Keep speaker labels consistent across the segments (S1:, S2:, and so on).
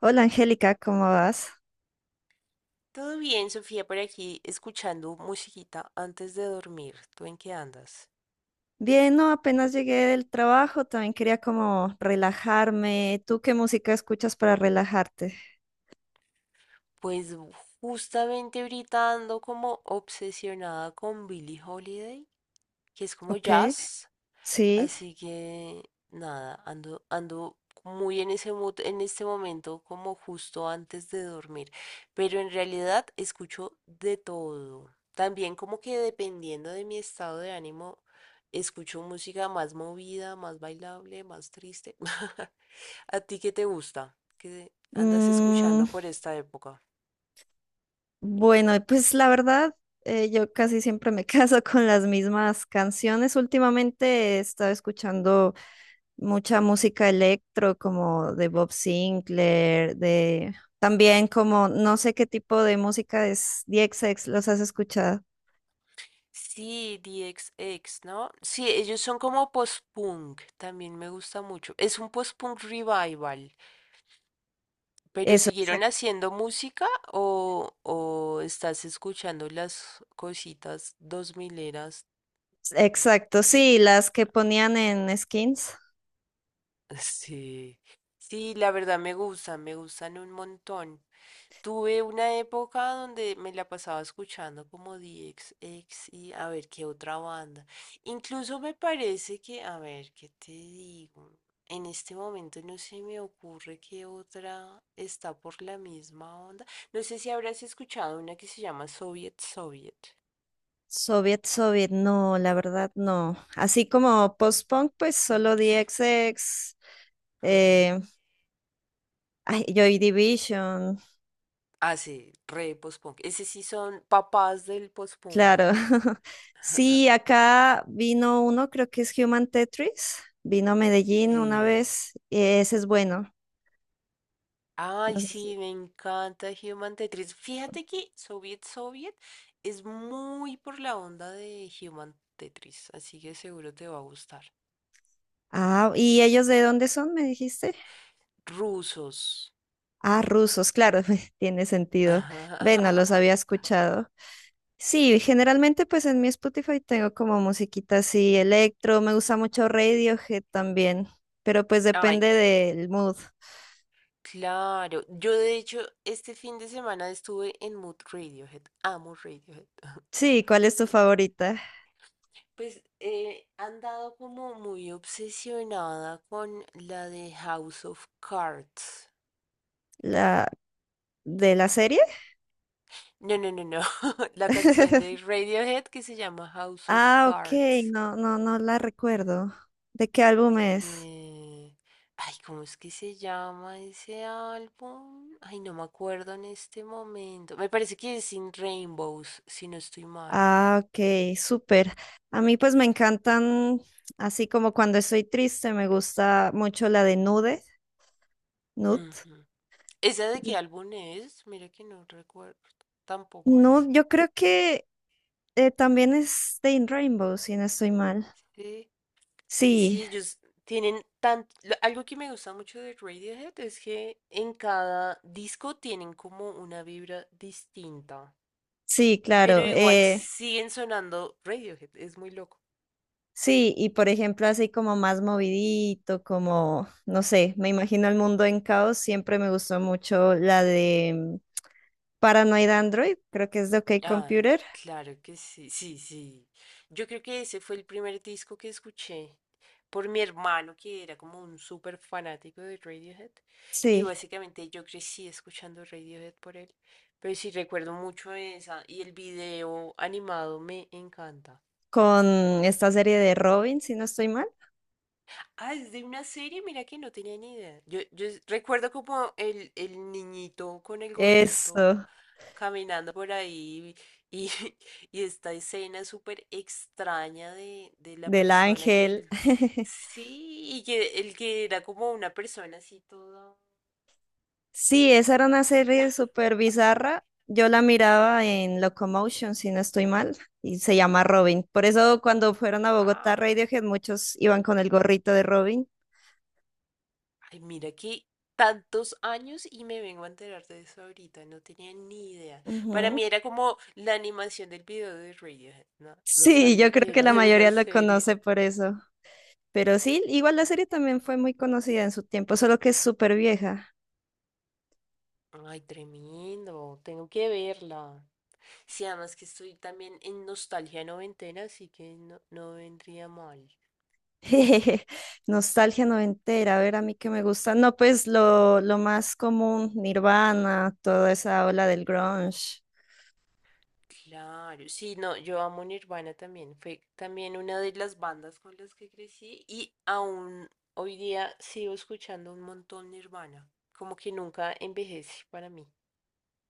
S1: Hola Angélica, ¿cómo vas?
S2: Todo bien, Sofía, por aquí escuchando musiquita antes de dormir. ¿Tú en qué andas?
S1: Bien, no, apenas llegué del trabajo, también quería como relajarme. ¿Tú qué música escuchas para relajarte?
S2: Pues u- Justamente ahorita ando como obsesionada con Billie Holiday, que es como
S1: Ok,
S2: jazz.
S1: sí.
S2: Así que nada, ando muy en ese mood en este momento, como justo antes de dormir. Pero en realidad escucho de todo. También como que dependiendo de mi estado de ánimo, escucho música más movida, más bailable, más triste. ¿A ti qué te gusta? ¿Qué andas
S1: Mm,
S2: escuchando por esta época?
S1: bueno, pues la verdad, yo casi siempre me caso con las mismas canciones. Últimamente he estado escuchando mucha música electro, como de Bob Sinclair, de también como no sé qué tipo de música es DXX, ¿los has escuchado?
S2: Sí, DXX, ¿no? Sí, ellos son como post-punk, también me gusta mucho. Es un post-punk revival. ¿Pero
S1: Eso,
S2: siguieron
S1: exacto.
S2: haciendo música o, estás escuchando las cositas dos mileras?
S1: Exacto, sí, las que ponían en skins.
S2: Sí. Sí, la verdad me gustan un montón. Tuve una época donde me la pasaba escuchando como D X X y a ver qué otra banda. Incluso me parece que, a ver, ¿qué te digo? En este momento no se me ocurre qué otra está por la misma onda. No sé si habrás escuchado una que se llama Soviet Soviet.
S1: Soviet, Soviet, no, la verdad no. Así como post-punk, pues solo DXX.
S2: Ujú.
S1: eh, Ay, Joy Division,
S2: Ah, sí, re post-punk. Ese sí son papás del post-punk.
S1: claro. Sí, acá vino uno, creo que es Human Tetris, vino a Medellín una
S2: Sí.
S1: vez, y ese es bueno.
S2: Ay,
S1: No sé si-
S2: sí, me encanta Human Tetris. Fíjate que Soviet Soviet es muy por la onda de Human Tetris, así que seguro te va a gustar.
S1: Ah, ¿y ellos de dónde son, me dijiste?
S2: Rusos.
S1: Ah, rusos, claro, tiene sentido. Ve, no los había escuchado. Sí, generalmente pues en mi Spotify tengo como musiquita así, electro, me gusta mucho Radiohead también, pero pues
S2: Ay,
S1: depende del mood.
S2: claro. Yo de hecho este fin de semana estuve en Mood Radiohead. Amo Radiohead.
S1: Sí, ¿cuál es tu favorita?
S2: Pues han dado como muy obsesionada con la de House of Cards.
S1: ¿La de la serie?
S2: No, no, no, no. La canción de Radiohead que se llama House of
S1: Ah, ok,
S2: Cards.
S1: no, no, no la recuerdo. ¿De qué álbum es?
S2: Eh, Ay, ¿cómo es que se llama ese álbum? Ay, no me acuerdo en este momento. Me parece que es Sin Rainbows, si no estoy mal.
S1: Ah, ok, súper. A mí pues me encantan, así como cuando estoy triste, me gusta mucho la de Nude, Nude.
S2: Ujú. ¿Esa de qué
S1: Y
S2: álbum es? Mira que no recuerdo. Tampoco es.
S1: Nude, yo creo que También es de In Rainbow, si no estoy mal.
S2: Sí. Es que sí,
S1: Sí,
S2: ellos tienen tanto... Algo que me gusta mucho de Radiohead es que en cada disco tienen como una vibra distinta.
S1: sí,
S2: Pero
S1: claro.
S2: igual siguen sonando Radiohead, es muy loco.
S1: Sí, y por ejemplo, así como más movidito, como, no sé, me imagino el mundo en caos, siempre me gustó mucho la de Paranoid Android, creo que es de OK
S2: Ay,
S1: Computer.
S2: claro que sí, sí, sí. Yo creo que ese fue el primer disco que escuché por mi hermano, que era como un súper fanático de Radiohead. Y
S1: Sí,
S2: básicamente yo crecí escuchando Radiohead por él. Pero sí recuerdo mucho esa. Y el video animado me encanta.
S1: con esta serie de Robin, si no estoy mal.
S2: Ah, es de una serie, mira que no tenía ni idea. Yo recuerdo como el niñito con el gorrito
S1: Eso,
S2: caminando por ahí y, y esta escena súper extraña de la
S1: del
S2: persona que...
S1: ángel.
S2: sí, y que el que era como una persona así toda...
S1: Sí, esa era una serie súper bizarra. Yo la miraba en Locomotion, si no estoy mal, y se llama Robin. Por eso cuando fueron a Bogotá
S2: Ah.
S1: Radiohead, muchos iban con el gorrito de Robin.
S2: Ay, mira que tantos años y me vengo a enterar de eso ahorita, no tenía ni idea. Para
S1: Ujú.
S2: mí era como la animación del video de Radiohead, no, no
S1: Sí, yo
S2: sabía
S1: creo
S2: que
S1: que
S2: era
S1: la
S2: de una
S1: mayoría lo
S2: serie.
S1: conoce por eso. Pero sí, igual la serie también fue muy conocida en su tiempo, solo que es súper vieja.
S2: Ay, tremendo, tengo que verla. Sí, además que estoy también en nostalgia noventena, así que no, no vendría mal.
S1: Nostalgia noventera, a ver, a mí que me gusta. No, pues lo más común, Nirvana, toda esa ola del grunge.
S2: Claro, sí, no, yo amo Nirvana también. Fue también una de las bandas con las que crecí y aún hoy día sigo escuchando un montón Nirvana. Como que nunca envejece para mí.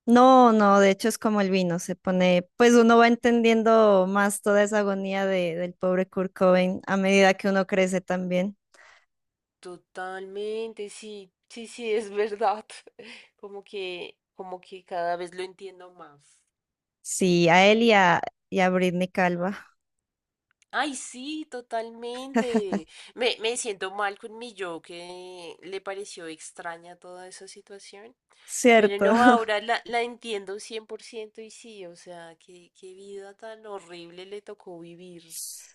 S1: No, no, de hecho es como el vino, se pone, pues uno va entendiendo más toda esa agonía de, del pobre Kurt Cobain a medida que uno crece también.
S2: Totalmente, sí, sí, sí, es verdad. Como que cada vez lo entiendo más.
S1: Sí, a él y a Britney Calva,
S2: Ay, sí, totalmente. Me siento mal con mi yo que le pareció extraña toda esa situación. Pero
S1: cierto.
S2: no, ahora la entiendo 100% y sí, o sea, qué, qué vida tan horrible le tocó vivir,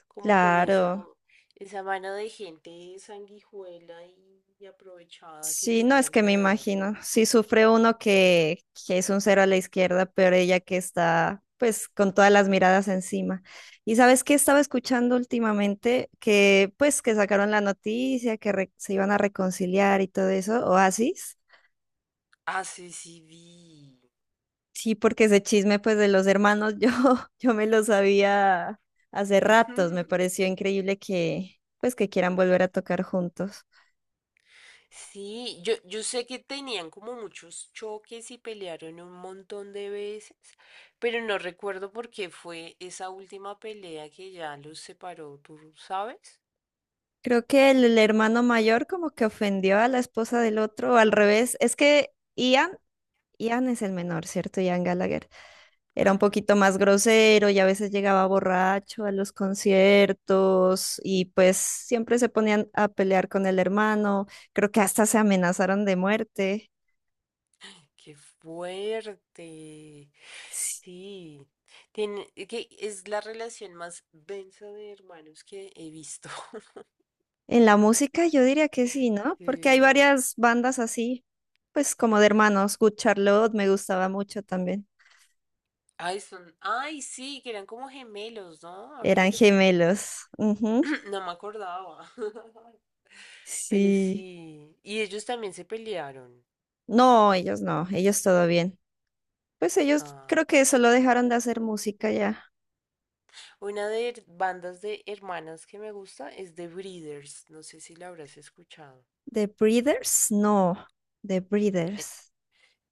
S2: como con esa,
S1: Claro.
S2: esa mano de gente sanguijuela y aprovechada que
S1: Sí, no
S2: tenía
S1: es que me
S2: alrededor.
S1: imagino. Si sufre uno que es un cero a la izquierda, pero ella que está pues con todas las miradas encima. Y sabes qué estaba escuchando últimamente que pues que sacaron la noticia que se iban a reconciliar y todo eso, Oasis.
S2: Ah, sí, sí, vi.
S1: Sí, porque ese chisme pues de los hermanos yo yo me lo sabía hace ratos, me pareció increíble que pues que quieran volver a tocar juntos.
S2: Sí, yo sé que tenían como muchos choques y pelearon un montón de veces, pero no recuerdo por qué fue esa última pelea que ya los separó, ¿tú sabes?
S1: Creo que el hermano mayor como que ofendió a la esposa del otro, o al revés. Es que Ian es el menor, ¿cierto? Ian Gallagher. Era un poquito más grosero y a veces llegaba borracho a los conciertos y pues siempre se ponían a pelear con el hermano. Creo que hasta se amenazaron de muerte.
S2: Qué fuerte.
S1: Sí.
S2: Sí. Tiene, que es la relación más densa de hermanos que he visto.
S1: En la música yo diría que sí, ¿no? Porque hay
S2: Sí.
S1: varias bandas así, pues como de hermanos. Good Charlotte me gustaba mucho también.
S2: Ay, son, ay, sí, que eran como gemelos, ¿no? Ahora que
S1: Eran
S2: lo pienso.
S1: gemelos. Ujú.
S2: No me acordaba. Pero
S1: Sí.
S2: sí. Y ellos también se pelearon.
S1: No, ellos no, ellos todo bien. Pues ellos
S2: Ah.
S1: creo que solo dejaron de hacer música ya.
S2: Una bandas de hermanas que me gusta es The Breeders. No sé si la habrás escuchado.
S1: ¿The Breeders? No, The Breeders.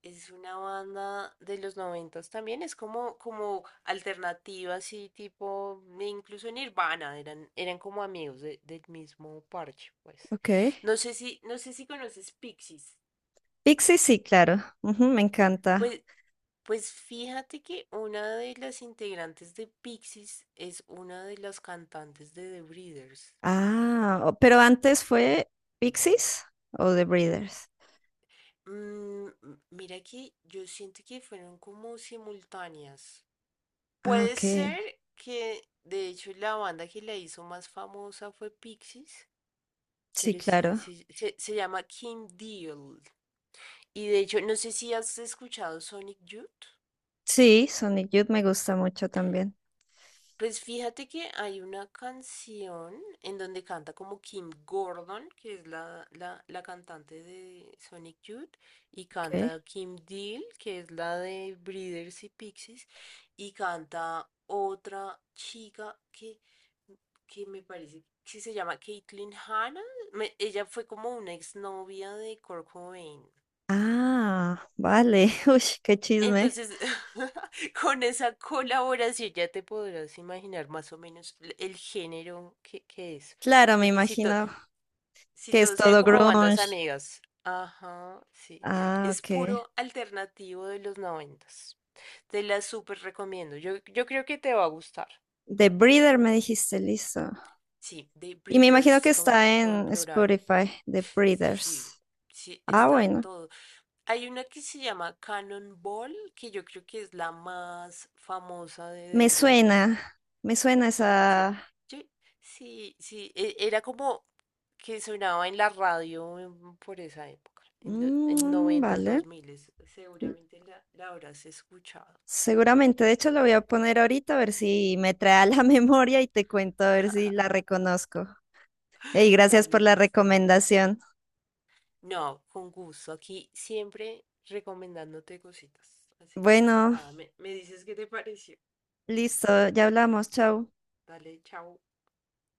S2: Es una banda de los noventas también, es como, como alternativa, así tipo, e incluso Nirvana, eran como amigos del mismo parche, pues.
S1: Ok.
S2: No sé si, no sé si conoces Pixies.
S1: Pixies, sí, claro. Ujú, me encanta.
S2: Pues, pues fíjate que una de las integrantes de Pixies es una de las cantantes de The Breeders.
S1: Pero antes fue Pixies o The Breeders.
S2: Mm, mira que yo siento que fueron como simultáneas.
S1: Ah,
S2: Puede
S1: ok.
S2: ser que, de hecho, la banda que la hizo más famosa fue Pixies,
S1: Sí,
S2: pero sí,
S1: claro.
S2: sí, se llama Kim Deal. Y de hecho, no sé si has escuchado Sonic Youth.
S1: Sí, Sonic Youth me gusta mucho también.
S2: Pues fíjate que hay una canción en donde canta como Kim Gordon, que es la cantante de Sonic Youth, y
S1: Ok.
S2: canta Kim Deal, que es la de Breeders y Pixies, y canta otra chica que me parece que se llama Caitlin Hanna. Ella fue como una exnovia de Kurt Cobain.
S1: Ah, vale. Uy, qué chisme.
S2: Entonces, con esa colaboración ya te podrás imaginar más o menos el género que es.
S1: Claro, me
S2: Porque si,
S1: imagino
S2: si
S1: que es
S2: todos sean
S1: todo
S2: como bandas
S1: grunge.
S2: amigas, ajá, sí,
S1: Ah,
S2: es
S1: ok.
S2: puro alternativo de los noventas. Te la súper recomiendo. Yo creo que te va a gustar.
S1: The Breeder, me dijiste, listo.
S2: Sí, The
S1: Y me imagino
S2: Breeders,
S1: que
S2: como,
S1: está
S2: como en
S1: en
S2: plural.
S1: Spotify, The
S2: Sí, sí,
S1: Breeders.
S2: sí,
S1: Ah,
S2: está
S1: bueno,
S2: todo. Hay una que se llama Cannonball, que yo creo que es la más famosa de The Breeders.
S1: me suena
S2: Dice,
S1: esa...
S2: yo- sí, sí, era como que sonaba en la radio por esa época, en los en
S1: Mm,
S2: noventas,
S1: vale.
S2: dos miles. Seguramente la habrás escuchado.
S1: Seguramente, de hecho, lo voy a poner ahorita a ver si me trae a la memoria y te cuento a ver si la reconozco. Y gracias
S2: Dale,
S1: por la
S2: lista.
S1: recomendación.
S2: No, con gusto. Aquí siempre recomendándote cositas. Así que
S1: Bueno,
S2: nada, me dices qué te pareció.
S1: listo, ya hablamos, chao.
S2: Dale, chao.